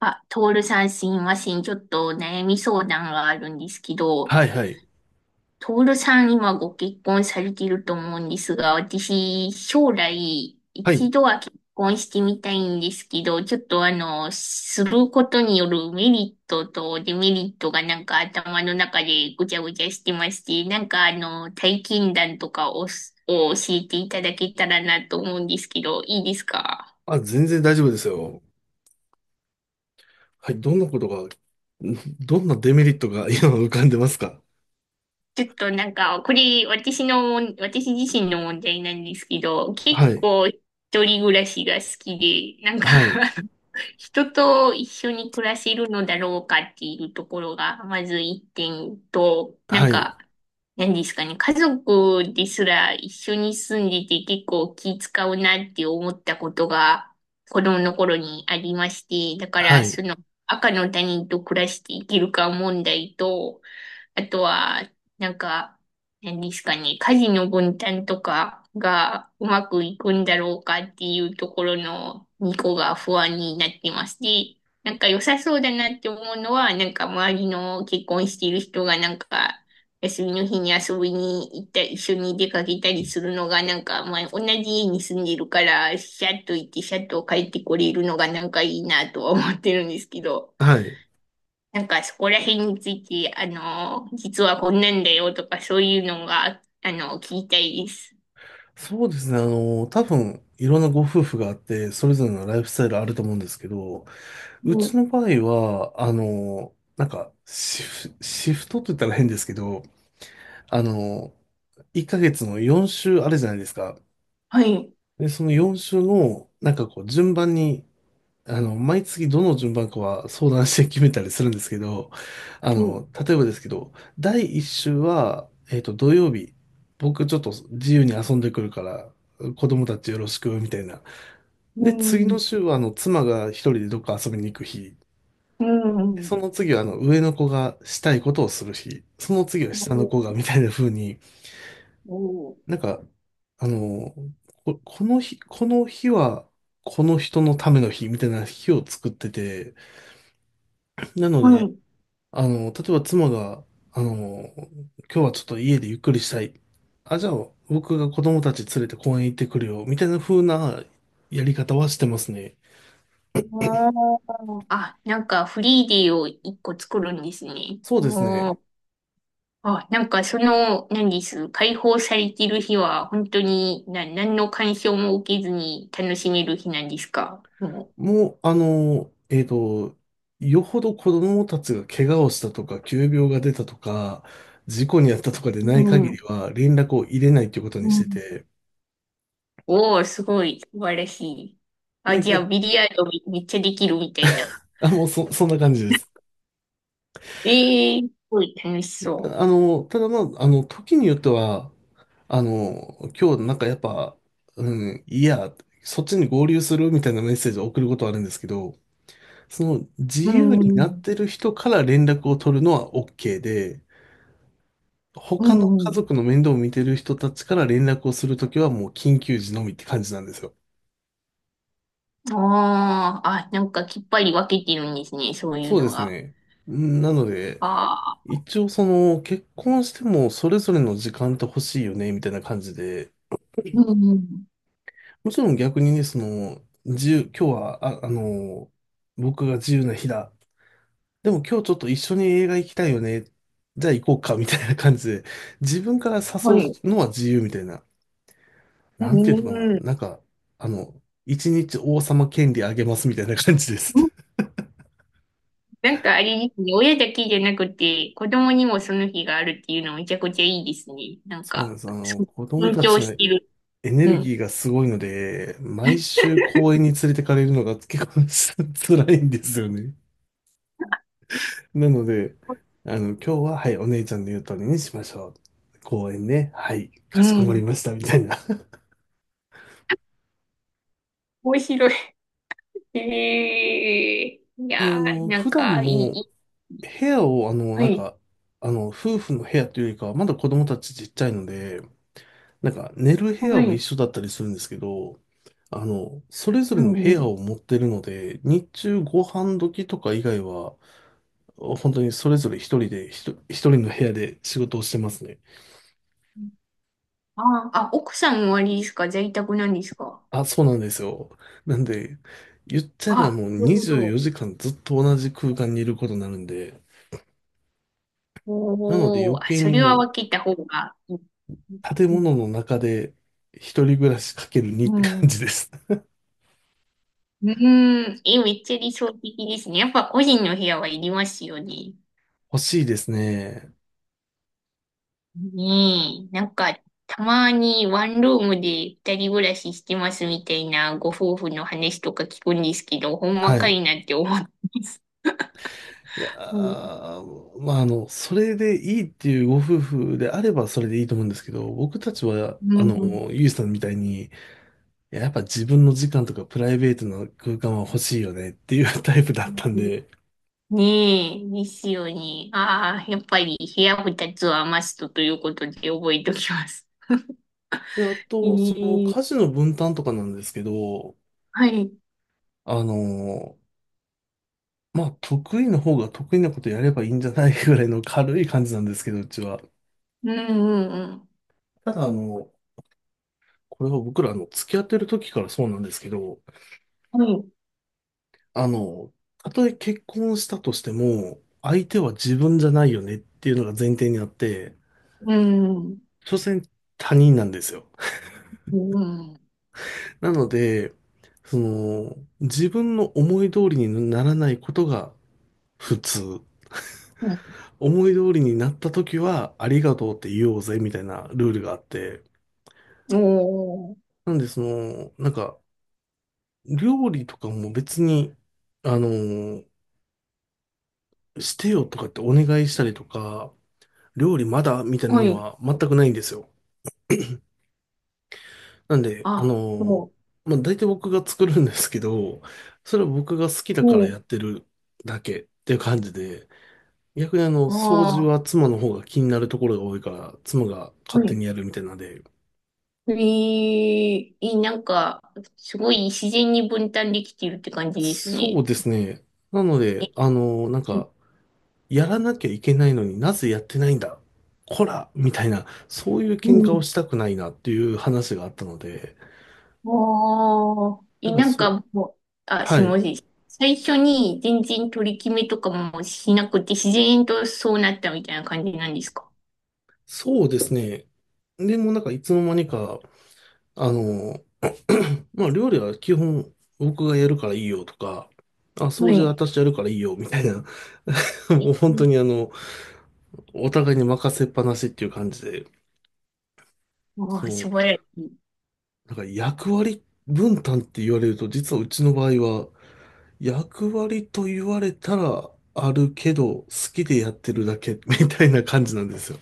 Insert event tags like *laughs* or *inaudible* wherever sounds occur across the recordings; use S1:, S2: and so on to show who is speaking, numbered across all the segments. S1: あ、トールさんすいません。ちょっと悩み相談があるんですけど、
S2: はいはい。
S1: トールさん今ご結婚されてると思うんですが、私将来
S2: は
S1: 一
S2: い。
S1: 度は結婚してみたいんですけど、ちょっと、することによるメリットとデメリットがなんか頭の中でごちゃごちゃしてまして、なんか、体験談とかを教えていただけたらなと思うんですけど、いいですか？
S2: あ、全然大丈夫ですよ。はい。どんなデメリットが今浮かんでますか？
S1: ちょっとなんか、これ私自身の問題なんですけど、
S2: は
S1: 結
S2: い。
S1: 構一人暮らしが好きで、なんか
S2: はい。
S1: *laughs* 人と一緒に暮らせるのだろうかっていうところが、まず一点と、なん
S2: はい。
S1: か、何ですかね、家族ですら一緒に住んでて結構気使うなって思ったことが子供の頃にありまして、だか
S2: は
S1: ら
S2: い。
S1: その赤の他人と暮らしていけるか問題と、あとは、なんか、何ですかね、家事の分担とかがうまくいくんだろうかっていうところの2個が不安になってます。で、なんか良さそうだなって思うのは、なんか周りの結婚している人がなんか休みの日に遊びに行ったり、一緒に出かけたりするのがなんか、まあ同じ家に住んでるから、シャッと行ってシャッと帰ってこれるのがなんかいいなとは思ってるんですけど、
S2: はい。
S1: なんかそこら辺について、実はこんなんだよとかそういうのが、聞きたいです。
S2: そうですね。多分、いろんなご夫婦があって、それぞれのライフスタイルあると思うんですけど、う
S1: う
S2: ち
S1: ん、
S2: の場合は、なんか、シフトって言ったら変ですけど、あの、1ヶ月の4週あるじゃないですか。
S1: はい。
S2: で、その4週の、なんかこう、順番に、毎月どの順番かは相談して決めたりするんですけど、
S1: うん。
S2: 例えばですけど、第1週は、土曜日、僕ちょっと自由に遊んでくるから、子供たちよろしく、みたいな。
S1: う
S2: で、次の
S1: ん。
S2: 週は、妻が一人でどっか遊びに行く日。
S1: うん。
S2: その次は、上の子がしたいことをする日。その次は下の子が、みたいな風に、
S1: うん。
S2: なんか、あの、この日は、この人のための日、みたいな日を作ってて、なの
S1: は
S2: で、
S1: い。
S2: 例えば妻が、今日はちょっと家でゆっくりしたい。あ、じゃあ僕が子供たち連れて公園行ってくるよ。みたいな風なやり方はしてますね。
S1: あーあ、なんかフリーデーを一個作るんですね。
S2: そうです
S1: お
S2: ね。
S1: ー。あ、なんかその、何です、解放されてる日は本当にな、何の干渉も受けずに楽しめる日なんですか？も
S2: もう、よほど子供たちが怪我をしたとか、急病が出たとか、事故に遭ったとかでない
S1: う
S2: 限り
S1: ん。
S2: は連絡を入れないということ
S1: う
S2: にして
S1: ん。
S2: て。
S1: おー、すごい、素晴らしい。あ、
S2: で、
S1: じゃあ、
S2: 逆、
S1: ビリヤードめっちゃできるみたいな。
S2: あ、もうそんな感じです。
S1: ええー、すごい楽しそ
S2: ただまあ、時によっては、今日なんかやっぱ、うん、いや、そっちに合流するみたいなメッセージを送ることはあるんですけど、その自
S1: う。う
S2: 由になっ
S1: ん、
S2: てる人から連絡を取るのは OK で、
S1: う
S2: 他の家
S1: ん。
S2: 族の面倒を見てる人たちから連絡をするときはもう緊急時のみって感じなんですよ。
S1: ああ、あ、なんかきっぱり分けてるんですね、そういう
S2: そうで
S1: の
S2: す
S1: が。
S2: ね。なので、
S1: ああ、
S2: 一応その結婚してもそれぞれの時間って欲しいよねみたいな感じで、
S1: うん、
S2: もちろん逆にね、その、今日は、僕が自由な日だ。でも今日ちょっと一緒に映画行きたいよね。じゃあ行こうか、みたいな感じで、自分から誘
S1: はい。
S2: うのは自由みたいな。
S1: う
S2: なんていうのかな。なん
S1: ん。
S2: か、あの、一日王様権利あげますみたいな感じです。*laughs*
S1: なんかあれですね、親だけじゃなくて、子供にもその日があるっていうのめちゃくちゃいいですね。なん
S2: そうなん
S1: か、
S2: です。
S1: そう、
S2: 子供
S1: 尊
S2: たち
S1: 重
S2: の
S1: してる。
S2: エネ
S1: う
S2: ルギ
S1: ん。
S2: ーがすごいので、毎週公園に連れてかれるのが結構 *laughs* 辛いんですよね。なので、今日は、はい、お姉ちゃんの言う通りにしましょう。公園ね。はい、か
S1: う
S2: しこまり
S1: ん。
S2: ました、みたいな。
S1: 面白い。ええい
S2: *laughs* で、
S1: やー、なん
S2: 普段
S1: か、いい、い
S2: も、
S1: い。
S2: 部屋を、あの、
S1: は
S2: なん
S1: い、
S2: か、あの、夫婦の部屋というよりかは、まだ子供たちちっちゃいので、なんか、寝る部
S1: は
S2: 屋は一
S1: い、
S2: 緒だったりするんですけど、それぞ
S1: う
S2: れの部
S1: んう
S2: 屋を
S1: ん。
S2: 持ってるので、日中ご飯時とか以外は、本当にそれぞれ一人で、一人の部屋で仕事をしてますね。
S1: あーあ、奥さんはあれですか？在宅なんですか？
S2: あ、そうなんですよ。なんで、言っちゃえば
S1: あ、
S2: もう
S1: なるほ
S2: 24
S1: ど。
S2: 時間ずっと同じ空間にいることになるんで、なので
S1: おー、
S2: 余
S1: あ
S2: 計
S1: そ
S2: に
S1: れは
S2: もう
S1: 分けた方がいい。
S2: 建
S1: う
S2: 物
S1: ん、
S2: の中で一人暮らしかける2っ
S1: う
S2: て
S1: んう
S2: 感
S1: ん。
S2: じです。
S1: うん、え、めっちゃ理想的ですね。やっぱ個人の部屋はいりますよね。
S2: *laughs* 欲しいですね。
S1: ねえ、なんか、たまにワンルームで二人暮らししてますみたいなご夫婦の話とか聞くんですけど、ほん
S2: は
S1: まか
S2: い。
S1: いなって思ってます。
S2: いや
S1: うん
S2: ー、まあ、それでいいっていうご夫婦であればそれでいいと思うんですけど、僕たちは、
S1: うん。
S2: ゆいさんみたいに、いややっぱ自分の時間とかプライベートな空間は欲しいよねっていうタイプだったんで、
S1: ねえ、ですよね。ああ、やっぱり部屋二つはマストということで覚えておきます。
S2: で、あ
S1: え
S2: と、その
S1: え、
S2: 家事の分担とかなんですけど、
S1: はい。
S2: あの、まあ、得意の方が得意なことやればいいんじゃないぐらいの軽い感じなんですけど、うちは。
S1: うんうん。
S2: ただ、これは僕ら、付き合ってる時からそうなんですけど、
S1: うん。はい。
S2: あの、たとえ結婚したとしても、相手は自分じゃないよねっていうのが前提にあって、
S1: うん
S2: 所詮他人なんですよ。
S1: うんうん。
S2: *laughs* なので、その、自分の思い通りにならないことが普通。
S1: うん。
S2: 思い通りになった時は、ありがとうって言おうぜ、みたいなルールがあって。
S1: お、
S2: なんで、その、なんか、料理とかも別に、あの、してよとかってお願いしたりとか、料理まだみたい
S1: お
S2: な
S1: は
S2: の
S1: い。
S2: は全くないんですよ。なんで、
S1: あ、そ
S2: まあ、大体僕が作るんですけど、それは僕が好きだ
S1: う。
S2: か
S1: は
S2: ら
S1: い。
S2: やってるだけっていう感じで、逆に掃
S1: あ
S2: 除
S1: あ。
S2: は妻の方が気になるところが多いから、妻が
S1: は
S2: 勝手
S1: い。
S2: にやるみたいなので、
S1: えええなんか、すごい自然に分担できているって感じです
S2: そ
S1: ね。
S2: うですね。なの
S1: え、
S2: で、やらなきゃいけないのになぜやってないんだこらみたいな、そういう
S1: う
S2: 喧嘩を
S1: ん。
S2: したくないなっていう話があったので、
S1: ああ。
S2: な
S1: え、
S2: んか
S1: なん
S2: そう、
S1: かもう、あ、す
S2: は
S1: み
S2: い。
S1: ません。最初に全然取り決めとかもしなくて、自然とそうなったみたいな感じなんですか？
S2: そうですね。でもなんかいつの間にか、あの、*clears throat* まあ料理は基本僕がやるからいいよとか、あ、
S1: は
S2: 掃除は
S1: い。
S2: 私やるからいいよみたいな、*laughs*
S1: え、
S2: もう本当にお互いに任せっぱなしっていう感じで、
S1: ああ、
S2: その
S1: 素晴らしい。
S2: なんか役割分担って言われると、実はうちの場合は、役割と言われたらあるけど、好きでやってるだけ *laughs* みたいな感じなんですよ。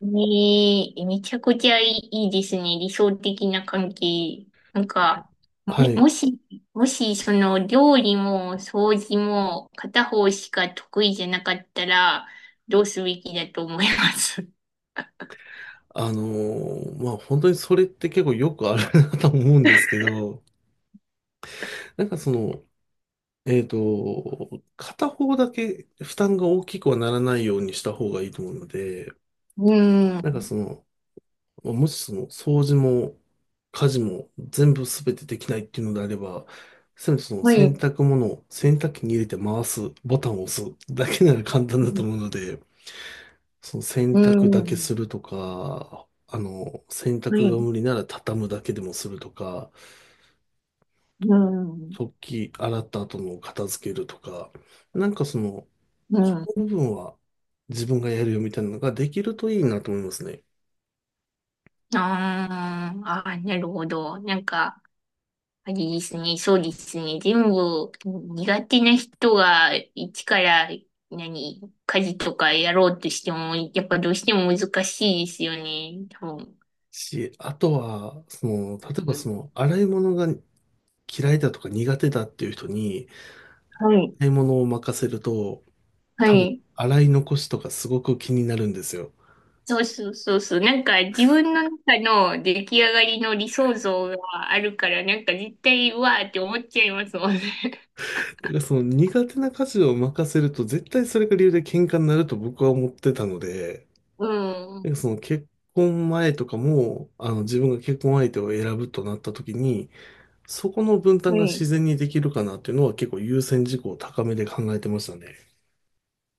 S1: ねえ、めちゃくちゃいい、いいですね。理想的な関係。なんか、
S2: *laughs*
S1: も、
S2: は
S1: も
S2: い。
S1: し、もし、その、料理も掃除も片方しか得意じゃなかったら、どうすべきだと思います？
S2: まあ本当にそれって結構よくあるなと思うんですけど、なんかその、片方だけ負担が大きくはならないようにした方がいいと思うので、
S1: う
S2: なんか
S1: ん。
S2: その、もうもしその掃除も家事も全部すべてできないっていうのであれば、せめてその
S1: は
S2: 洗
S1: い。
S2: 濯物を洗濯機に入れて回す、ボタンを押すだけなら簡単
S1: う
S2: だと
S1: ん。
S2: 思うので、その洗
S1: う
S2: 濯だけ
S1: ん
S2: するとか、洗
S1: は
S2: 濯が
S1: い。
S2: 無理なら畳むだけでもするとか、
S1: うん。
S2: 食器洗った後の片付けるとか、なんかその、
S1: う
S2: こ
S1: ん。
S2: の部分は自分がやるよみたいなのができるといいなと思いますね。
S1: あーあー、なるほど。なんか、ありですね。そうですね。全部苦手な人が一から何、家事とかやろうとしても、やっぱどうしても難しいですよね。多分。
S2: あとは、その、例えば
S1: う
S2: そ
S1: ん
S2: の、洗い物が嫌いだとか苦手だっていう人に
S1: はい。
S2: 買い物を任せると
S1: は
S2: 多分
S1: い。
S2: 洗い残しとかすごく気になるんですよ。
S1: そうそうそうそう。なんか自分の中の出来上がりの理想像があるから、なんか絶対うわーって思っちゃいますもんね。*laughs*
S2: だからその苦手な家事を任せると絶対それが理由で喧嘩になると僕は思ってたので、
S1: う
S2: なんか
S1: ん。
S2: その結婚前とかも自分が結婚相手を選ぶとなった時にそこの分
S1: は
S2: 担が自
S1: い。
S2: 然にできるかなっていうのは結構優先事項を高めで考えてましたね。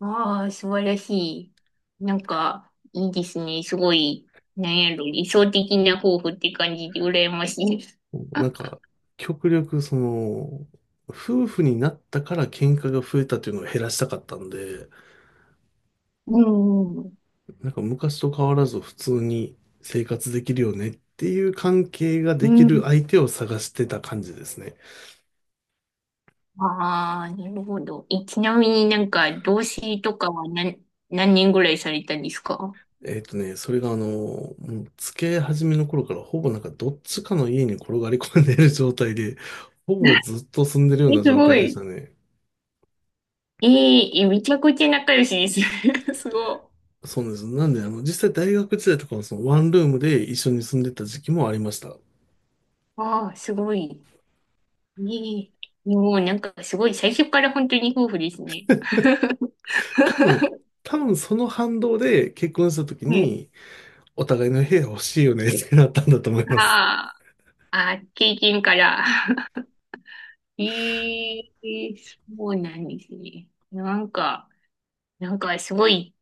S1: ああ、素晴らしい。なんか、いいですね。すごい、なんやろ、理想的な夫婦って感じで羨ましいです。
S2: なんか、極力、その、夫婦になったから喧嘩が増えたっていうのを減らしたかったんで、
S1: うんうん
S2: なんか昔と変わらず普通に生活できるよねっていう関係が
S1: う
S2: でき
S1: ん。う
S2: る
S1: ん。
S2: 相手を探してた感じですね。
S1: ああ、なるほど。え、ちなみになんか、同棲とかは何、何年ぐらいされたんですか？
S2: それがもう付き合い始めの頃からほぼなんかどっちかの家に転がり込んでいる状態で、ほぼずっと住んでるよう
S1: え、
S2: な
S1: す
S2: 状況
S1: ご
S2: でし
S1: い。
S2: たね。
S1: えーえ、めちゃくちゃ仲良しです。*laughs* すごい。
S2: そうなんです。なんで、実際大学時代とかはそのワンルームで一緒に住んでた時期もありました。
S1: ああ、すごい。ねえ。もうなんか、すごい、最初から本当に夫婦ですね。
S2: 多分、多分その反動で結婚した時
S1: うん。
S2: に、お互いの部屋欲しいよねってなったんだと思います。
S1: ああ、ああ、経験から。ええそうなんですね。なんか、なんかすごい